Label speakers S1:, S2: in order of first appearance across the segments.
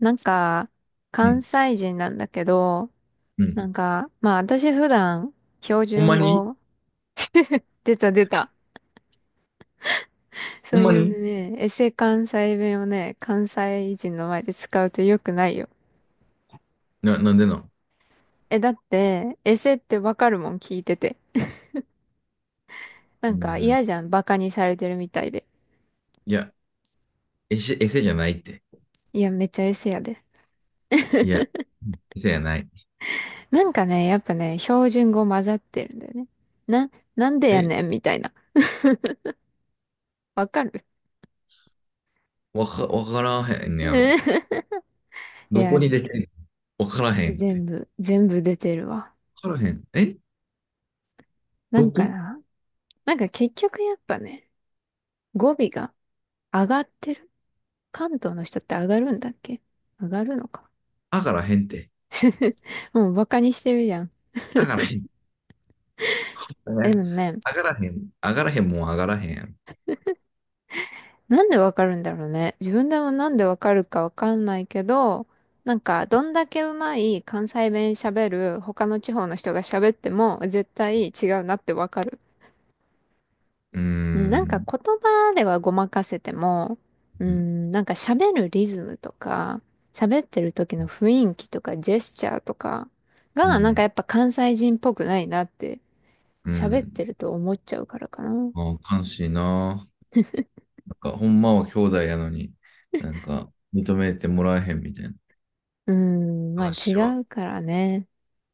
S1: なんか、
S2: う
S1: 関
S2: ん。
S1: 西人なんだけど、
S2: う
S1: な
S2: ん。
S1: んか、まあ私普段、標
S2: ほんま
S1: 準
S2: に。
S1: 語、出た出た。そ
S2: ほ
S1: う
S2: んま
S1: い
S2: に。
S1: うね、エセ関西弁をね、関西人の前で使うと良くないよ。
S2: なんでなん？
S1: え、だって、エセってわかるもん聞いてて。な
S2: うー
S1: んか
S2: ん。
S1: 嫌じゃん、バカにされてるみたいで。
S2: いや、エセ、エセじゃないって。
S1: いや、めっちゃエセやで。
S2: いや、エセじゃない。
S1: なんかね、やっぱね、標準語混ざってるんだよね。な、なんでや
S2: え、
S1: ねんみたいな。わかる？
S2: わからへんね やろ？
S1: い
S2: ど
S1: や、
S2: こに出てんの？わからへんって。
S1: 全部出てるわ。
S2: わからへん。え、
S1: な
S2: ど
S1: んか
S2: こ？
S1: な。なんか結局やっぱね、語尾が上がってる。関東の人って上がるんだっけ？上がるのか。
S2: あからへんって。
S1: もうバカにしてるじゃん。
S2: あからへん。
S1: でもね、
S2: あからへん。あからへんもん、あがらへんやろ。
S1: なんでわかるんだろうね。自分でもなんでわかるかわかんないけど、なんかどんだけうまい関西弁喋る他の地方の人が喋っても絶対違うなってわかる。
S2: うー
S1: うんなんか
S2: ん。
S1: 言葉ではごまかせても、うん、なんか喋るリズムとか、喋ってる時の雰囲気とかジェスチャーとか
S2: う
S1: が、なんかや
S2: ん。
S1: っぱ関西人っぽくないなって
S2: う
S1: 喋っ
S2: ん。
S1: てると思っちゃうからかな。
S2: ああ、悲しいな。なんか、ほんまは兄弟やのに、なんか、認めてもらえへんみたいな
S1: うん、まあ違
S2: 話は。
S1: うからね。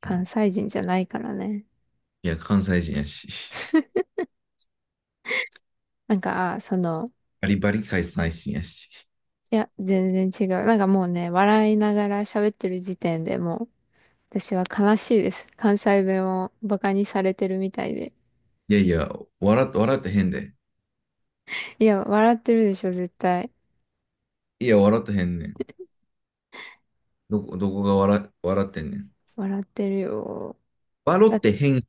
S1: 関西人じゃないからね。
S2: いや、関西人やし。
S1: なんか、
S2: バリバリ関西人やし。
S1: いや、全然違う。なんかもうね、笑いながら喋ってる時点でもう、私は悲しいです。関西弁をバカにされてるみたいで。
S2: いやいや、笑ってへんで。
S1: いや、笑ってるでしょ、絶対。
S2: いや、笑ってへんねん。どこどこが笑ってんねん？
S1: 笑ってるよ。
S2: 笑
S1: だ、
S2: ってへん。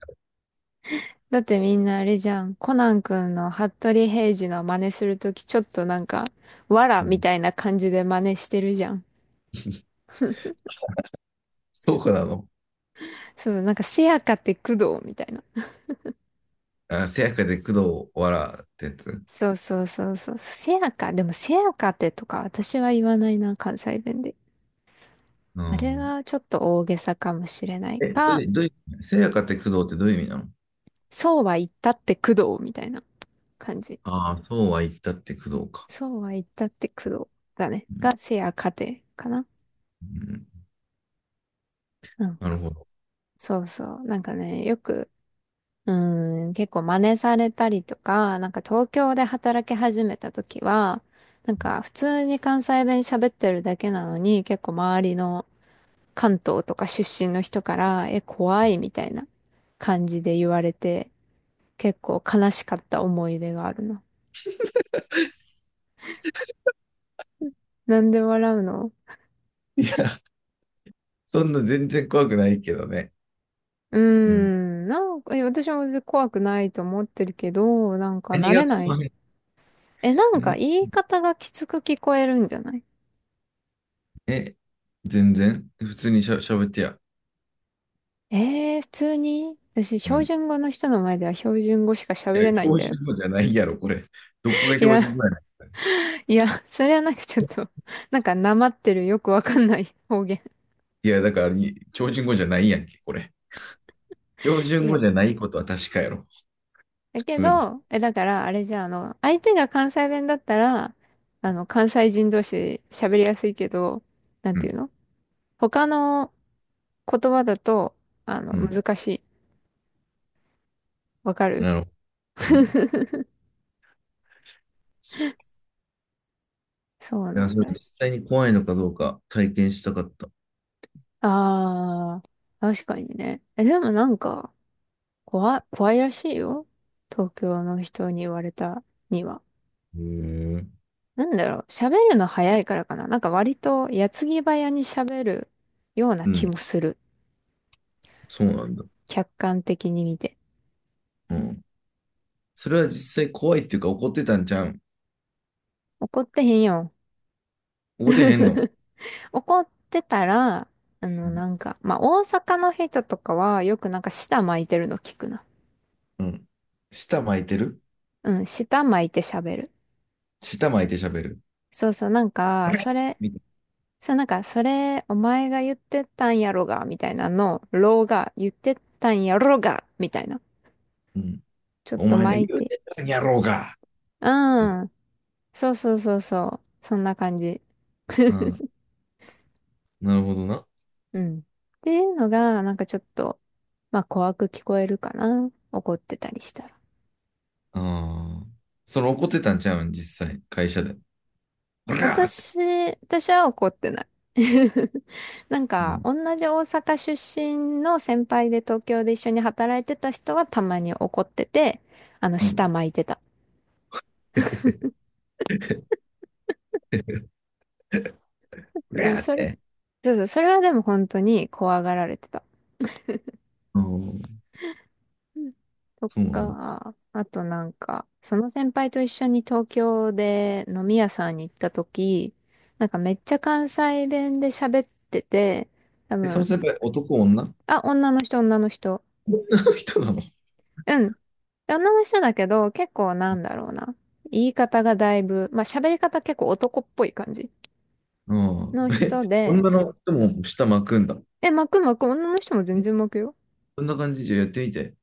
S1: だってみんなあれじゃん。コナン君の服部平次の真似するとき、ちょっとなんか、わら
S2: う
S1: み
S2: ん。
S1: たいな感じで真似してるじゃん。
S2: そうかなの。
S1: そう、なんか、せやかって工藤みたいな。
S2: あ、せやかで工藤、笑ってやつ。
S1: そうそうそうそう。せやか、でもせやかってとか私は言わないな、関西弁で。
S2: う
S1: あれ
S2: ん。
S1: はちょっと大げさかもしれない
S2: え、
S1: か、
S2: どういう、せやかって工藤ってどういう意味なの？
S1: そうは言ったって工藤みたいな感じ。
S2: ああ、そうは言ったって工藤か。
S1: そうは言ったって工藤だね。
S2: うん。
S1: がせやかてかな。
S2: うん、
S1: うん、
S2: なるほど。
S1: そうそう。なんかね、よく、うん、結構真似されたりとか、なんか東京で働き始めた時は、なんか普通に関西弁喋ってるだけなのに、結構周りの関東とか出身の人から、え、怖いみたいな感じで言われて、結構悲しかった思い出があるの。なんで笑うの？
S2: いや、そんな全然怖くないけどね。うん。
S1: なんか、私も別に怖くないと思ってるけど、なんか
S2: 何
S1: 慣れ
S2: が
S1: ない。
S2: 怖い？
S1: え、なんか
S2: 何が
S1: 言い
S2: 怖い？
S1: 方がきつく聞こえるんじゃない？
S2: え、全然普通にしゃべってや。
S1: ええー、普通に私、
S2: う
S1: 標
S2: ん。い
S1: 準語の人の前では標準語しか喋
S2: や、
S1: れないん
S2: 標
S1: だよ。
S2: 準語じゃないやろ、これ。どこが
S1: い
S2: 標準
S1: や、
S2: 語やね
S1: いや、それはなんかちょっと、なんかなまってるよくわかんない方言。
S2: ん。いや、だからに、標準語じゃないやんけ、これ。標
S1: い
S2: 準語
S1: や、
S2: じゃないことは確かやろ。
S1: だ
S2: 普
S1: け
S2: 通に。
S1: ど、だから、あれじゃあ、相手が関西弁だったら、関西人同士で喋りやすいけど、なん
S2: う
S1: ていう
S2: ん。
S1: の？他の言葉だと、
S2: うん。
S1: 難しい。わかる？
S2: なるほど。うん。
S1: そう
S2: い
S1: な
S2: や、
S1: ん
S2: それ
S1: だよ。
S2: 実際に怖いのかどうか体験したかった。
S1: ああ、確かにね。え、でもなんか、怖いらしいよ。東京の人に言われたには。
S2: へえ。
S1: なんだろう、喋るの早いからかな。なんか割と矢継ぎ早に喋るような
S2: う
S1: 気
S2: ん。
S1: もする。
S2: そうなんだ。
S1: 客観的に見て。
S2: うん。それは実際怖いっていうか怒ってたんじゃん。
S1: 怒ってへんよ。
S2: 怒ってへんの？
S1: 怒ってたら、
S2: う
S1: な
S2: ん。
S1: んか、まあ、大阪の人とかはよくなんか舌巻いてるの聞くな。
S2: うん。舌巻いてる？
S1: うん、舌巻いて喋る。
S2: 舌巻いて喋る。
S1: そうそう、なん
S2: こ
S1: か、
S2: れ
S1: それ、
S2: みたい
S1: そう、なんか、それ、お前が言ってたんやろが、みたいなのろが、言ってたんやろが、みたいな。
S2: な。うん。
S1: ちょっ
S2: お
S1: と
S2: 前が
S1: 巻い
S2: 言う
S1: て。
S2: てたんやろうが。って。
S1: うん。そうそうそうそう。そんな感じ。
S2: うん。なるほどな。
S1: うん。っていうのが、なんかちょっと、まあ怖く聞こえるかな。怒ってたりしたら。
S2: ああ。それ怒ってたんちゃうん、実際、会社で。ブラーって。
S1: 私、私は怒ってない。なん
S2: う
S1: か、
S2: ん。
S1: 同じ大阪出身の先輩で東京で一緒に働いてた人はたまに怒ってて、
S2: う
S1: 舌
S2: ん。
S1: 巻いてた。
S2: ブ
S1: うん、
S2: ラーって。
S1: そうそう、それはでも本当に怖がられてた。
S2: うん。
S1: と
S2: そうなんだ。
S1: か、あとなんか、その先輩と一緒に東京で飲み屋さんに行った時、なんかめっちゃ関西弁で喋ってて、多
S2: え、その
S1: 分、
S2: 先輩、男、女？
S1: あ、女の人、女の人。
S2: 女の人なの？
S1: うん。女の人だけど、結構なんだろうな。言い方がだいぶ、まあ喋り方結構男っぽい感じ
S2: うん。
S1: の
S2: え、
S1: 人で、
S2: 女の人も下巻くんだ。
S1: え、巻く巻く、女の人も全
S2: え、
S1: 然巻くよ。
S2: そんな感じじゃやってみて。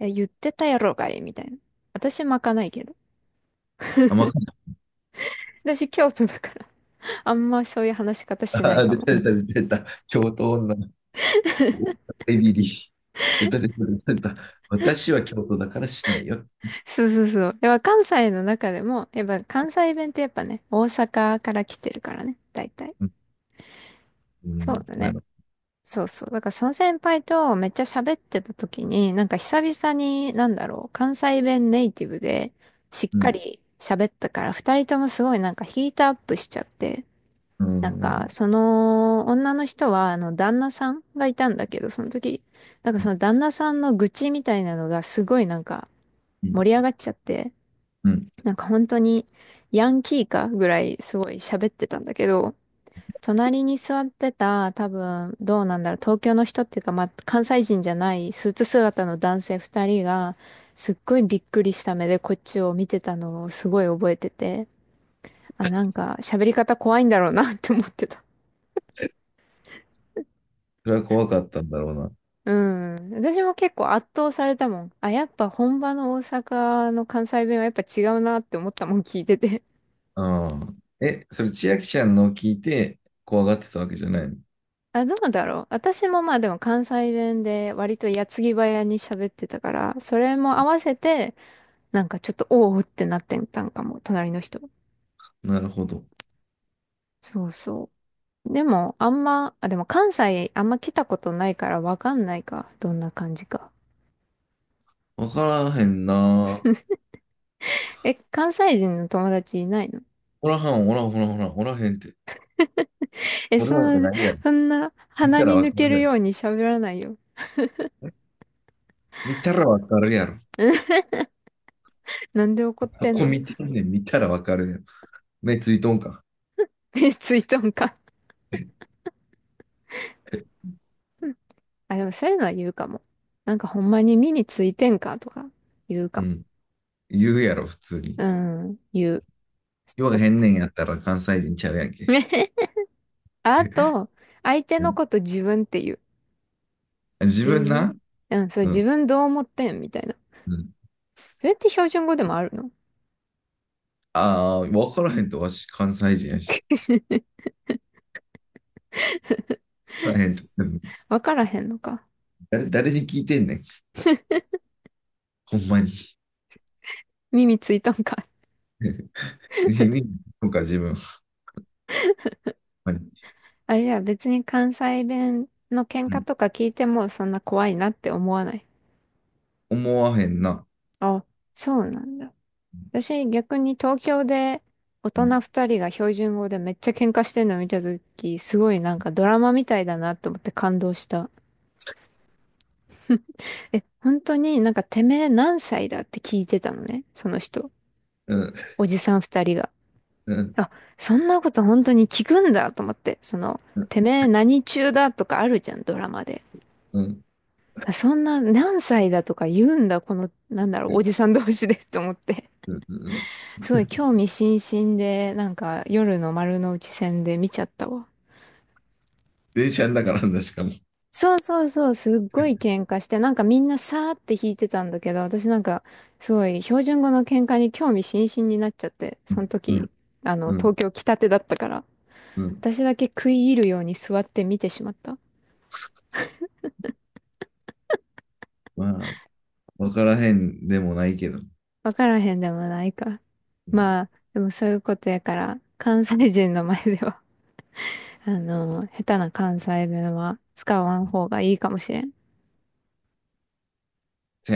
S1: え、言ってたやろがい、みたいな。私巻かないけど。
S2: あ、巻く。
S1: 私京都だから、あんまそういう話し方しない
S2: あー、
S1: か
S2: 出
S1: も。
S2: た出た出た出た。京都女の子。エビリ。出た出た出た出た。私は京都だからしないよ。
S1: そうそうそう。やっぱ関西の中でも、やっぱ関西弁ってやっぱね、大阪から来てるからね、大体。
S2: うん。う
S1: そう
S2: ん、
S1: だ
S2: な
S1: ね。
S2: る
S1: そうそう。だからその先輩とめっちゃ喋ってた時に、なんか久々に、なんだろう、関西弁ネイティブでしっ
S2: ほど。う
S1: か
S2: ん。
S1: り喋ったから、二人ともすごいなんかヒートアップしちゃって、
S2: う
S1: なんか
S2: ん。
S1: その女の人は、旦那さんがいたんだけど、その時、なんか
S2: う
S1: そ
S2: ん。
S1: の旦那さんの愚痴みたいなのがすごいなんか
S2: うん。
S1: 盛り上がっちゃって、
S2: うん。
S1: なんか本当にヤンキーかぐらいすごい喋ってたんだけど、隣に座ってた多分どうなんだろう、東京の人っていうか、まあ、関西人じゃないスーツ姿の男性二人がすっごいびっくりした目でこっちを見てたのをすごい覚えてて、あ、なんか喋り方怖いんだろうなって思ってた。
S2: それは怖かったんだろうな。
S1: うん。私も結構圧倒されたもん。あ、やっぱ本場の大阪の関西弁はやっぱ違うなって思ったもん聞いてて。
S2: うん。え、それ千秋ちゃんのを聞いて怖がってたわけじゃないの？
S1: あ、どうだろう。私もまあでも関西弁で割と矢継ぎ早に喋ってたから、それも合わせて、なんかちょっとおおってなってたんかも、隣の人。
S2: なるほど。
S1: そうそう。でも、でも関西あんま来たことないからわかんないか。どんな感じか。
S2: わからへんな。
S1: え、関西人の友達いないの？
S2: おらはん、おらん、おらん、おらん、おらへんって。
S1: え、
S2: おる
S1: そ
S2: わけ
S1: んな、
S2: ないやろ。
S1: そんな
S2: 見
S1: 鼻
S2: たら
S1: に
S2: わか
S1: 抜け
S2: るや
S1: る
S2: ろ。
S1: ように喋らないよ。
S2: え、見たらわかるやろ。
S1: なんで怒っ
S2: そ
S1: てん
S2: こ
S1: の？
S2: 見てんねん、見たらわかるやろ。目ついとんか。
S1: え、ついとんか。あ、でもそういうのは言うかも。なんかほんまに耳ついてんかとか言うか
S2: う
S1: も。
S2: ん。言うやろ、普通に。
S1: うん、言う。
S2: よう
S1: と
S2: へんねんやったら関西人ちゃうやんけ。
S1: あと、相手
S2: う
S1: の
S2: ん。
S1: こと自分って言う。
S2: 自
S1: 自
S2: 分
S1: 分。
S2: な。
S1: うん、そう、
S2: う
S1: 自
S2: ん。
S1: 分どう思ってんみたいな。
S2: うん。
S1: それって標準語でもあるの？
S2: ああ、わからへんと、わし関西人やし。わからへんと。
S1: わからへんのか。
S2: 誰に聞いてんねん。ほんまに。
S1: 耳ついたんか。
S2: 意味とか自分、ほんまに。
S1: あ、じゃあ別に関西弁の喧
S2: う
S1: 嘩
S2: ん、
S1: とか聞いてもそんな怖いなって思わない。
S2: 思わへんな。
S1: あ、そうなんだ。私逆に東京で
S2: う
S1: 大人
S2: ん。
S1: 二人が標準語でめっちゃ喧嘩してるの見たとき、すごいなんかドラマみたいだなと思って感動した。え、本当になんかてめえ何歳だって聞いてたのね、その人。
S2: うん。
S1: おじさん二人が。
S2: うん。
S1: あ、そんなこと本当に聞くんだと思って、
S2: うん。
S1: てめえ何中だとかあるじゃん、ドラマで。
S2: うん。
S1: あ、そんな何歳だとか言うんだ、なんだろ
S2: う
S1: う、お
S2: ん。
S1: じさん同士で と思って。
S2: うん。うん。
S1: すごい興味津々で、なんか夜の丸の内線で見ちゃったわ。
S2: 電車んだからな、しかも。
S1: そうそうそう、すっごい喧嘩して、なんかみんなさーって弾いてたんだけど、私なんか、すごい標準語の喧嘩に興味津々になっちゃって、
S2: う
S1: その
S2: ん。う
S1: 時、
S2: ん。う
S1: 東
S2: ん。
S1: 京来たてだったから、
S2: うん。
S1: 私だけ食い入るように座って見てしまった。
S2: まあ、わからへんでもないけど。
S1: わからへんでもないか。
S2: うん。
S1: まあ、でもそういうことやから、関西人の前では、下手な関西弁は使わん方がいいかもしれん。
S2: せや。